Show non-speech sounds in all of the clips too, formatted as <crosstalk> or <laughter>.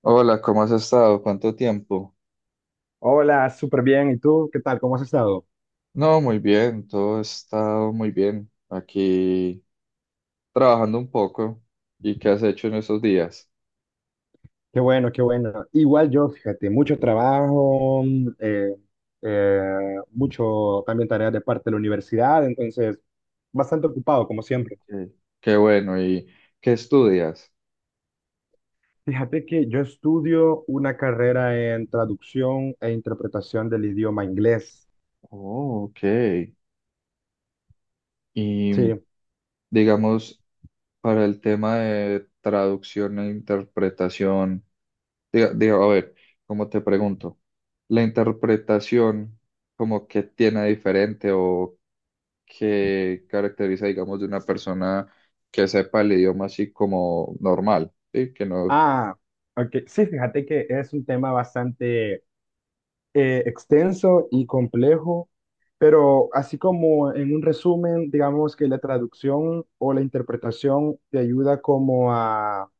Hola, ¿cómo has estado? ¿Cuánto tiempo? Hola, súper bien. ¿Y tú? ¿Qué tal? ¿Cómo has estado? No, muy bien, todo ha estado muy bien. Aquí trabajando un poco. ¿Y qué has hecho en estos días? Qué bueno, qué bueno. Igual yo, fíjate, mucho trabajo, eh, mucho también tareas de parte de la universidad, entonces bastante ocupado, como siempre. Ok. Qué bueno, ¿y qué estudias? Fíjate que yo estudio una carrera en traducción e interpretación del idioma inglés. Oh, ok. Y Sí. digamos, para el tema de traducción e interpretación, a ver, ¿cómo te pregunto? ¿La interpretación como que tiene diferente o que caracteriza, digamos, de una persona que sepa el idioma así como normal, ¿sí? Que no, Ah, ok. Sí, fíjate que es un tema bastante extenso y complejo, pero así como en un resumen, digamos que la traducción o la interpretación te ayuda como a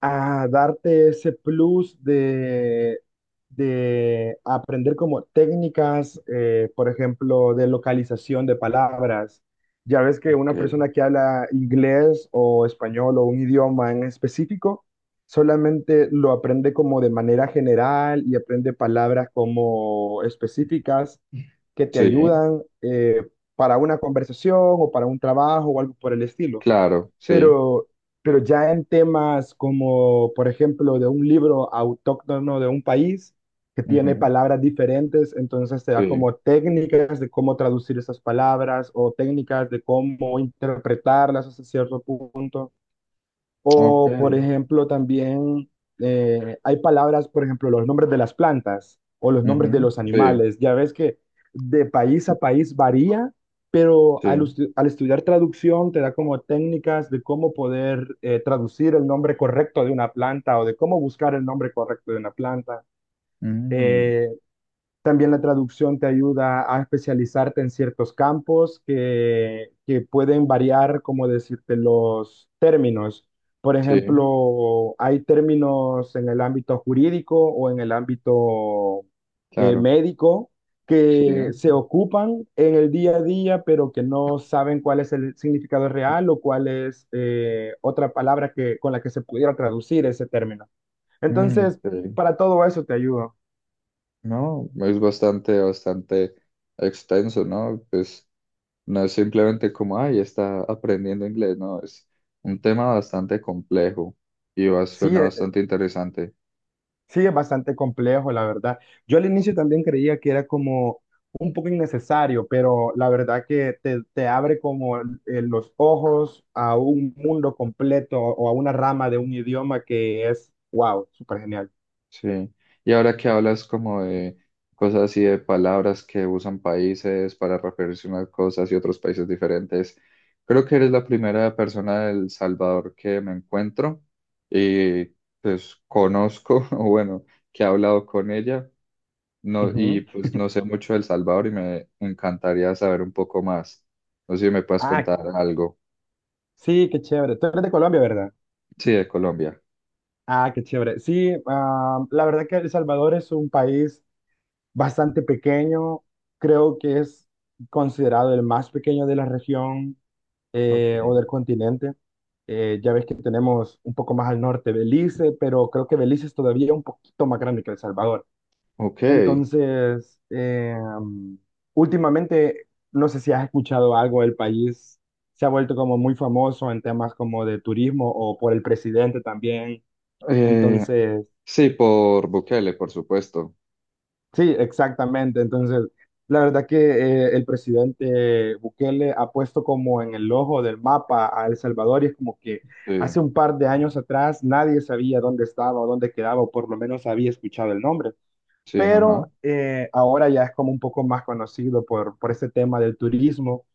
a darte ese plus de aprender como técnicas, por ejemplo, de localización de palabras. Ya ves que ok, una persona que habla inglés o español o un idioma en específico, solamente lo aprende como de manera general y aprende palabras como específicas que te sí, ayudan para una conversación o para un trabajo o algo por el estilo. claro, sí, Pero, pero ya en temas como, por ejemplo, de un libro autóctono de un país que tiene ujú, palabras diferentes, entonces te da sí, como técnicas de cómo traducir esas palabras o técnicas de cómo interpretarlas hasta cierto punto. ok, O, por ejemplo, también hay palabras, por ejemplo, los nombres de las plantas o los nombres de ujú, los sí, animales. Ya ves que de país a país varía, pero sí, al estudiar traducción te da como técnicas de cómo poder traducir el nombre correcto de una planta o de cómo buscar el nombre correcto de una planta. mm, Eh, También la traducción te ayuda a especializarte en ciertos campos que pueden variar, como decirte, los términos. Por sí, ejemplo, hay términos en el ámbito jurídico o en el ámbito claro, médico sí, que se ocupan en el día a día, pero que no saben cuál es el significado real o cuál es otra palabra que, con la que se pudiera traducir ese término. mm, Entonces, sí. para todo eso te ayudo. No, es bastante, bastante extenso, ¿no? Pues no es simplemente como, ay, está aprendiendo inglés, no, es un tema bastante complejo y Sí, suena bastante interesante. Sí, es bastante complejo, la verdad. Yo al inicio también creía que era como un poco innecesario, pero la verdad que te abre como los ojos a un mundo completo o a una rama de un idioma que es, wow, súper genial. Sí, y ahora que hablas como de cosas así de palabras que usan países para referirse a unas cosas y otros países diferentes, creo que eres la primera persona del Salvador que me encuentro y pues conozco, <laughs> o bueno, que he hablado con ella, no, y Ujú. pues no sé mucho del Salvador y me encantaría saber un poco más. No sé si me puedes Ah, contar algo. sí, qué chévere. Tú eres de Colombia, ¿verdad? Sí, de Colombia. Ah, qué chévere. Sí, ah, la verdad que El Salvador es un país bastante pequeño. Creo que es considerado el más pequeño de la región, Ok. o del continente. Ya ves que tenemos un poco más al norte Belice, pero creo que Belice es todavía un poquito más grande que El Salvador. Ok. Entonces, mm, últimamente, no sé si has escuchado algo del país, se ha vuelto como muy famoso en temas como de turismo o por el presidente también. Eh, Entonces, sí, por Bukele, por supuesto. sí, exactamente. Entonces, la verdad que el presidente Bukele ha puesto como en el ojo del mapa a El Salvador y es como que Sí. hace un par de años atrás nadie sabía dónde estaba o dónde quedaba, o por lo menos había escuchado el nombre. Sí, ajá. Pero ahora ya es como un poco más conocido por este tema del turismo.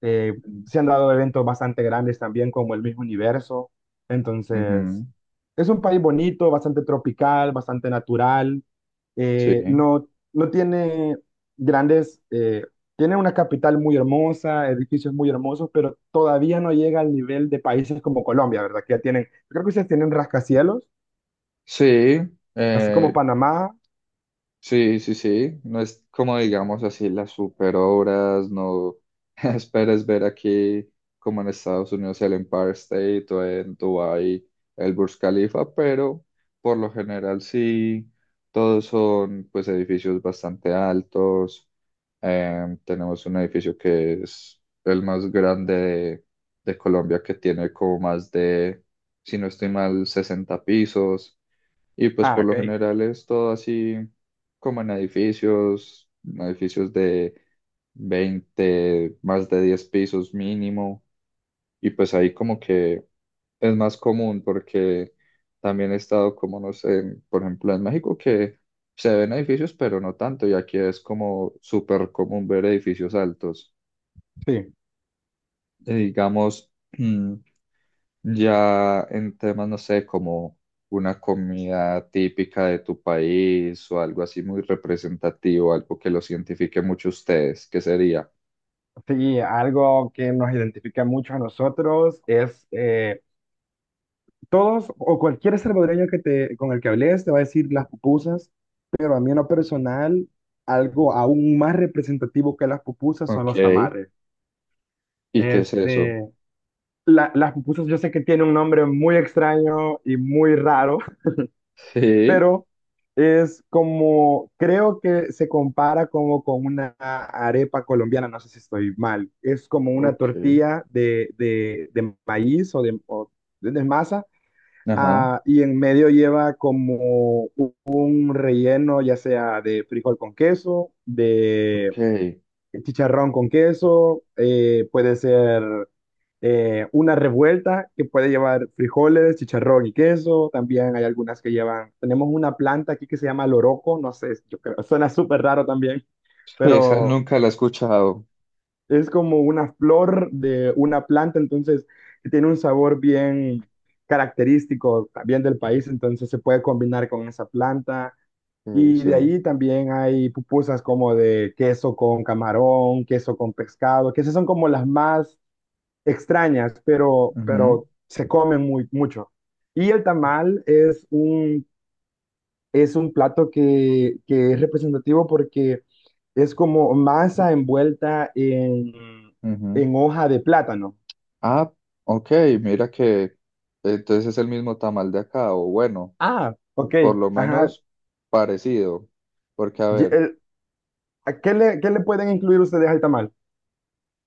Mm. Se han dado eventos bastante grandes también como el mismo universo. Entonces, Ujú, es un país bonito, bastante tropical, bastante natural, sí, no, no tiene grandes, tiene una capital muy hermosa, edificios muy hermosos, pero todavía no llega al nivel de países como Colombia, ¿verdad? Que ya tienen, creo que ustedes tienen rascacielos, sí, así como eh, Panamá. sí, sí, sí. No es como digamos así las super obras, no <laughs> esperes ver aquí como en Estados Unidos el Empire State o en Dubái el Burj Khalifa, pero por lo general sí, todos son pues edificios bastante altos. Tenemos un edificio que es el más grande de, Colombia, que tiene como más de, si no estoy mal, 60 pisos. Y pues Ah, por lo ok. general es todo así como en edificios, edificios de 20, más de 10 pisos mínimo, y pues ahí como que es más común porque también he estado como, no sé, por ejemplo, en México, que se ven edificios, pero no tanto, y aquí es como súper común ver edificios altos. Sí, Digamos, mm, ya en temas, no sé, como una comida típica de tu país o algo así muy representativo, algo que los identifique mucho a ustedes, ¿qué sería? sí, algo que nos identifica mucho a nosotros es todos o cualquier salvadoreño con el que hables te va a decir las pupusas, pero a mí en lo personal, algo aún más representativo que las pupusas son Ok. los tamales. ¿Y qué es eso? Este, las pupusas yo sé que tiene un nombre muy extraño y muy raro, <laughs> Sí. pero es como, creo que se compara como con una arepa colombiana, no sé si estoy mal, es como una Ok. tortilla de maíz o de masa. Ajá. Ah, y en medio lleva como un relleno, ya sea de frijol con queso, de Ok. chicharrón con queso, puede ser una revuelta que puede llevar frijoles, chicharrón y queso. También hay algunas que llevan, tenemos una planta aquí que se llama loroco, no sé, yo creo, <laughs> suena súper raro también, Esa pero nunca la he escuchado. es como una flor de una planta, entonces tiene un sabor bien característico también del país, entonces se puede combinar con esa planta. Y Sí. de ahí también hay pupusas como de queso con camarón, queso con pescado, que esas son como las más extrañas, Ujú, pero se comen mucho. Y el tamal es es un plato que es representativo porque es como masa envuelta ujú. en hoja de plátano. Ah, ok, mira que entonces es el mismo tamal de acá, o bueno, Ah, ok. por lo Ajá. menos parecido, porque a Y ver, el- ¿a ¿Qué qué le pueden incluir ustedes al tamal?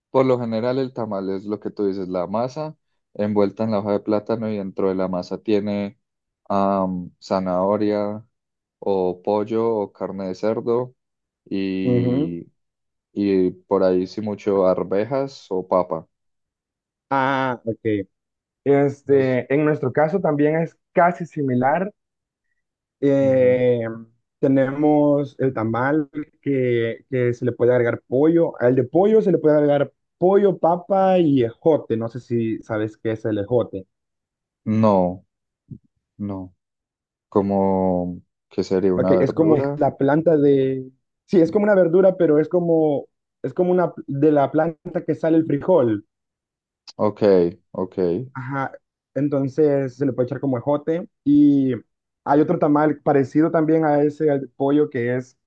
por lo general el tamal es lo que tú dices, la masa envuelta en la hoja de plátano, y dentro de la masa tiene zanahoria o pollo o carne de cerdo Ujú. y, por ahí sí mucho arvejas o papa. Ah, ok. Entonces, Este, en nuestro caso también es casi similar. Eh, Tenemos el tamal que se le puede agregar pollo. Al de pollo se le puede agregar pollo, papa y ejote. No sé si sabes qué es el ejote. no, no, como que sería una Ok, es como verdura. la planta de... Sí, es como una verdura, pero es como una de la planta que sale el frijol. Ok, ok, Ajá, entonces se le puede echar como ejote. Y hay otro tamal parecido también a ese, al de pollo, que es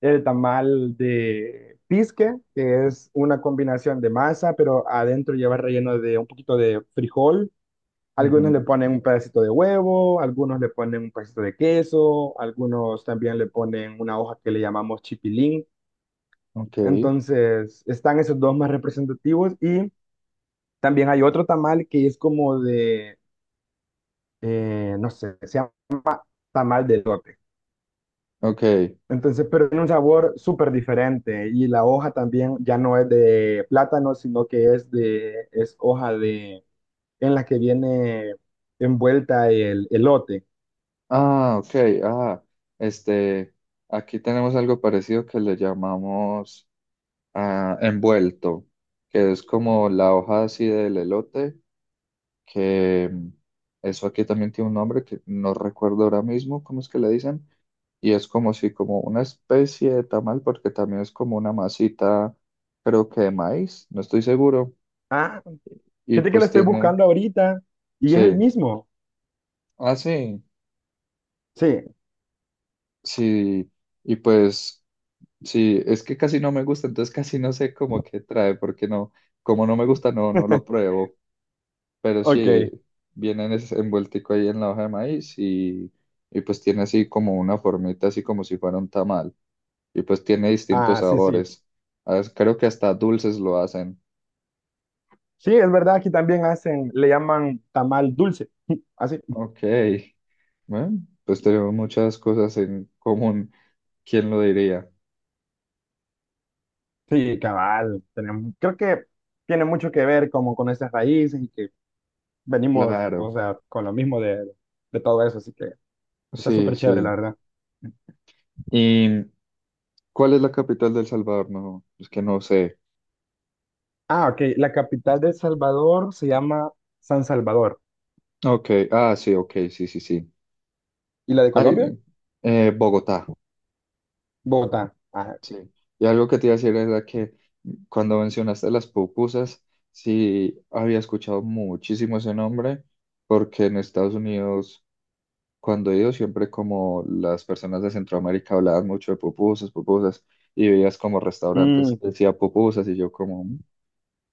el tamal de pisque, que es una combinación de masa, pero adentro lleva relleno de un poquito de frijol. Algunos le ujú, ponen un pedacito de huevo, algunos le ponen un pedacito de queso, algunos también le ponen una hoja que le llamamos chipilín. ok, Entonces, están esos dos más representativos y también hay otro tamal que es como de, no sé, se llama tamal de elote. ok. Entonces, pero tiene un sabor súper diferente y la hoja también ya no es de plátano, sino que es hoja de, en la que viene envuelta el elote. Ah, ok. Ah, este, aquí tenemos algo parecido que le llamamos, ah, envuelto, que es como la hoja así del elote, que eso aquí también tiene un nombre que no recuerdo ahora mismo, ¿cómo es que le dicen? Y es como si como una especie de tamal, porque también es como una masita, creo que de maíz, no estoy seguro, Ah, y fíjate que lo pues estoy tiene, buscando ahorita y es el sí, mismo. ah, sí, Sí, sí, y pues sí, es que casi no me gusta, entonces casi no sé cómo que trae, porque no, como no me gusta, no, no lo <laughs> pruebo, pero sí, ok. viene en ese envueltico ahí en la hoja de maíz y, pues tiene así como una formita, así como si fuera un tamal, y pues tiene distintos Ah, sí, sí. sabores, ah, creo que hasta dulces lo hacen. Sí, es verdad, aquí también hacen, le llaman tamal dulce. <laughs> Así. Ok, bueno, pues tenemos muchas cosas en común. ¿Quién lo diría? Sí, cabal. Creo que tiene mucho que ver como con esas raíces y que venimos, o Claro, sea, con lo mismo de todo eso, así que está sí, súper chévere, la sí. verdad. ¿Y cuál es la capital de El Salvador? No, es que no sé. Ah, ok, la capital de El Salvador se llama San Salvador. Ok, ah, sí, ok, sí, sí, sí. ¿Y la de Colombia? Ay, Bogotá, Bogotá. Ah, sí. ok. Y algo que te iba a decir era que cuando mencionaste las pupusas, sí, había escuchado muchísimo ese nombre, porque en Estados Unidos, cuando he ido, siempre como las personas de Centroamérica hablaban mucho de pupusas, pupusas, y veías como restaurantes Mm, que decía pupusas, y yo como, "Mm,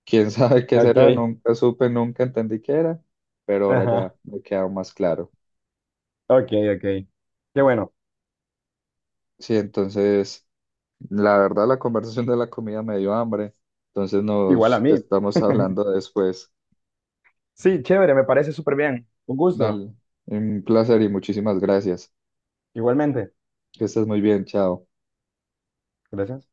quién <laughs> sabe qué ok, será", nunca supe, nunca entendí qué era, pero <laughs> ahora ajá, ya me queda más claro. ok, ok. Qué bueno, Sí, entonces, la verdad, la conversación de la comida me dio hambre, entonces igual a nos mí. estamos hablando después. Sí, chévere, me parece súper bien. Un gusto, Dale, un placer y muchísimas gracias. igualmente. Que estés muy bien, chao. Gracias.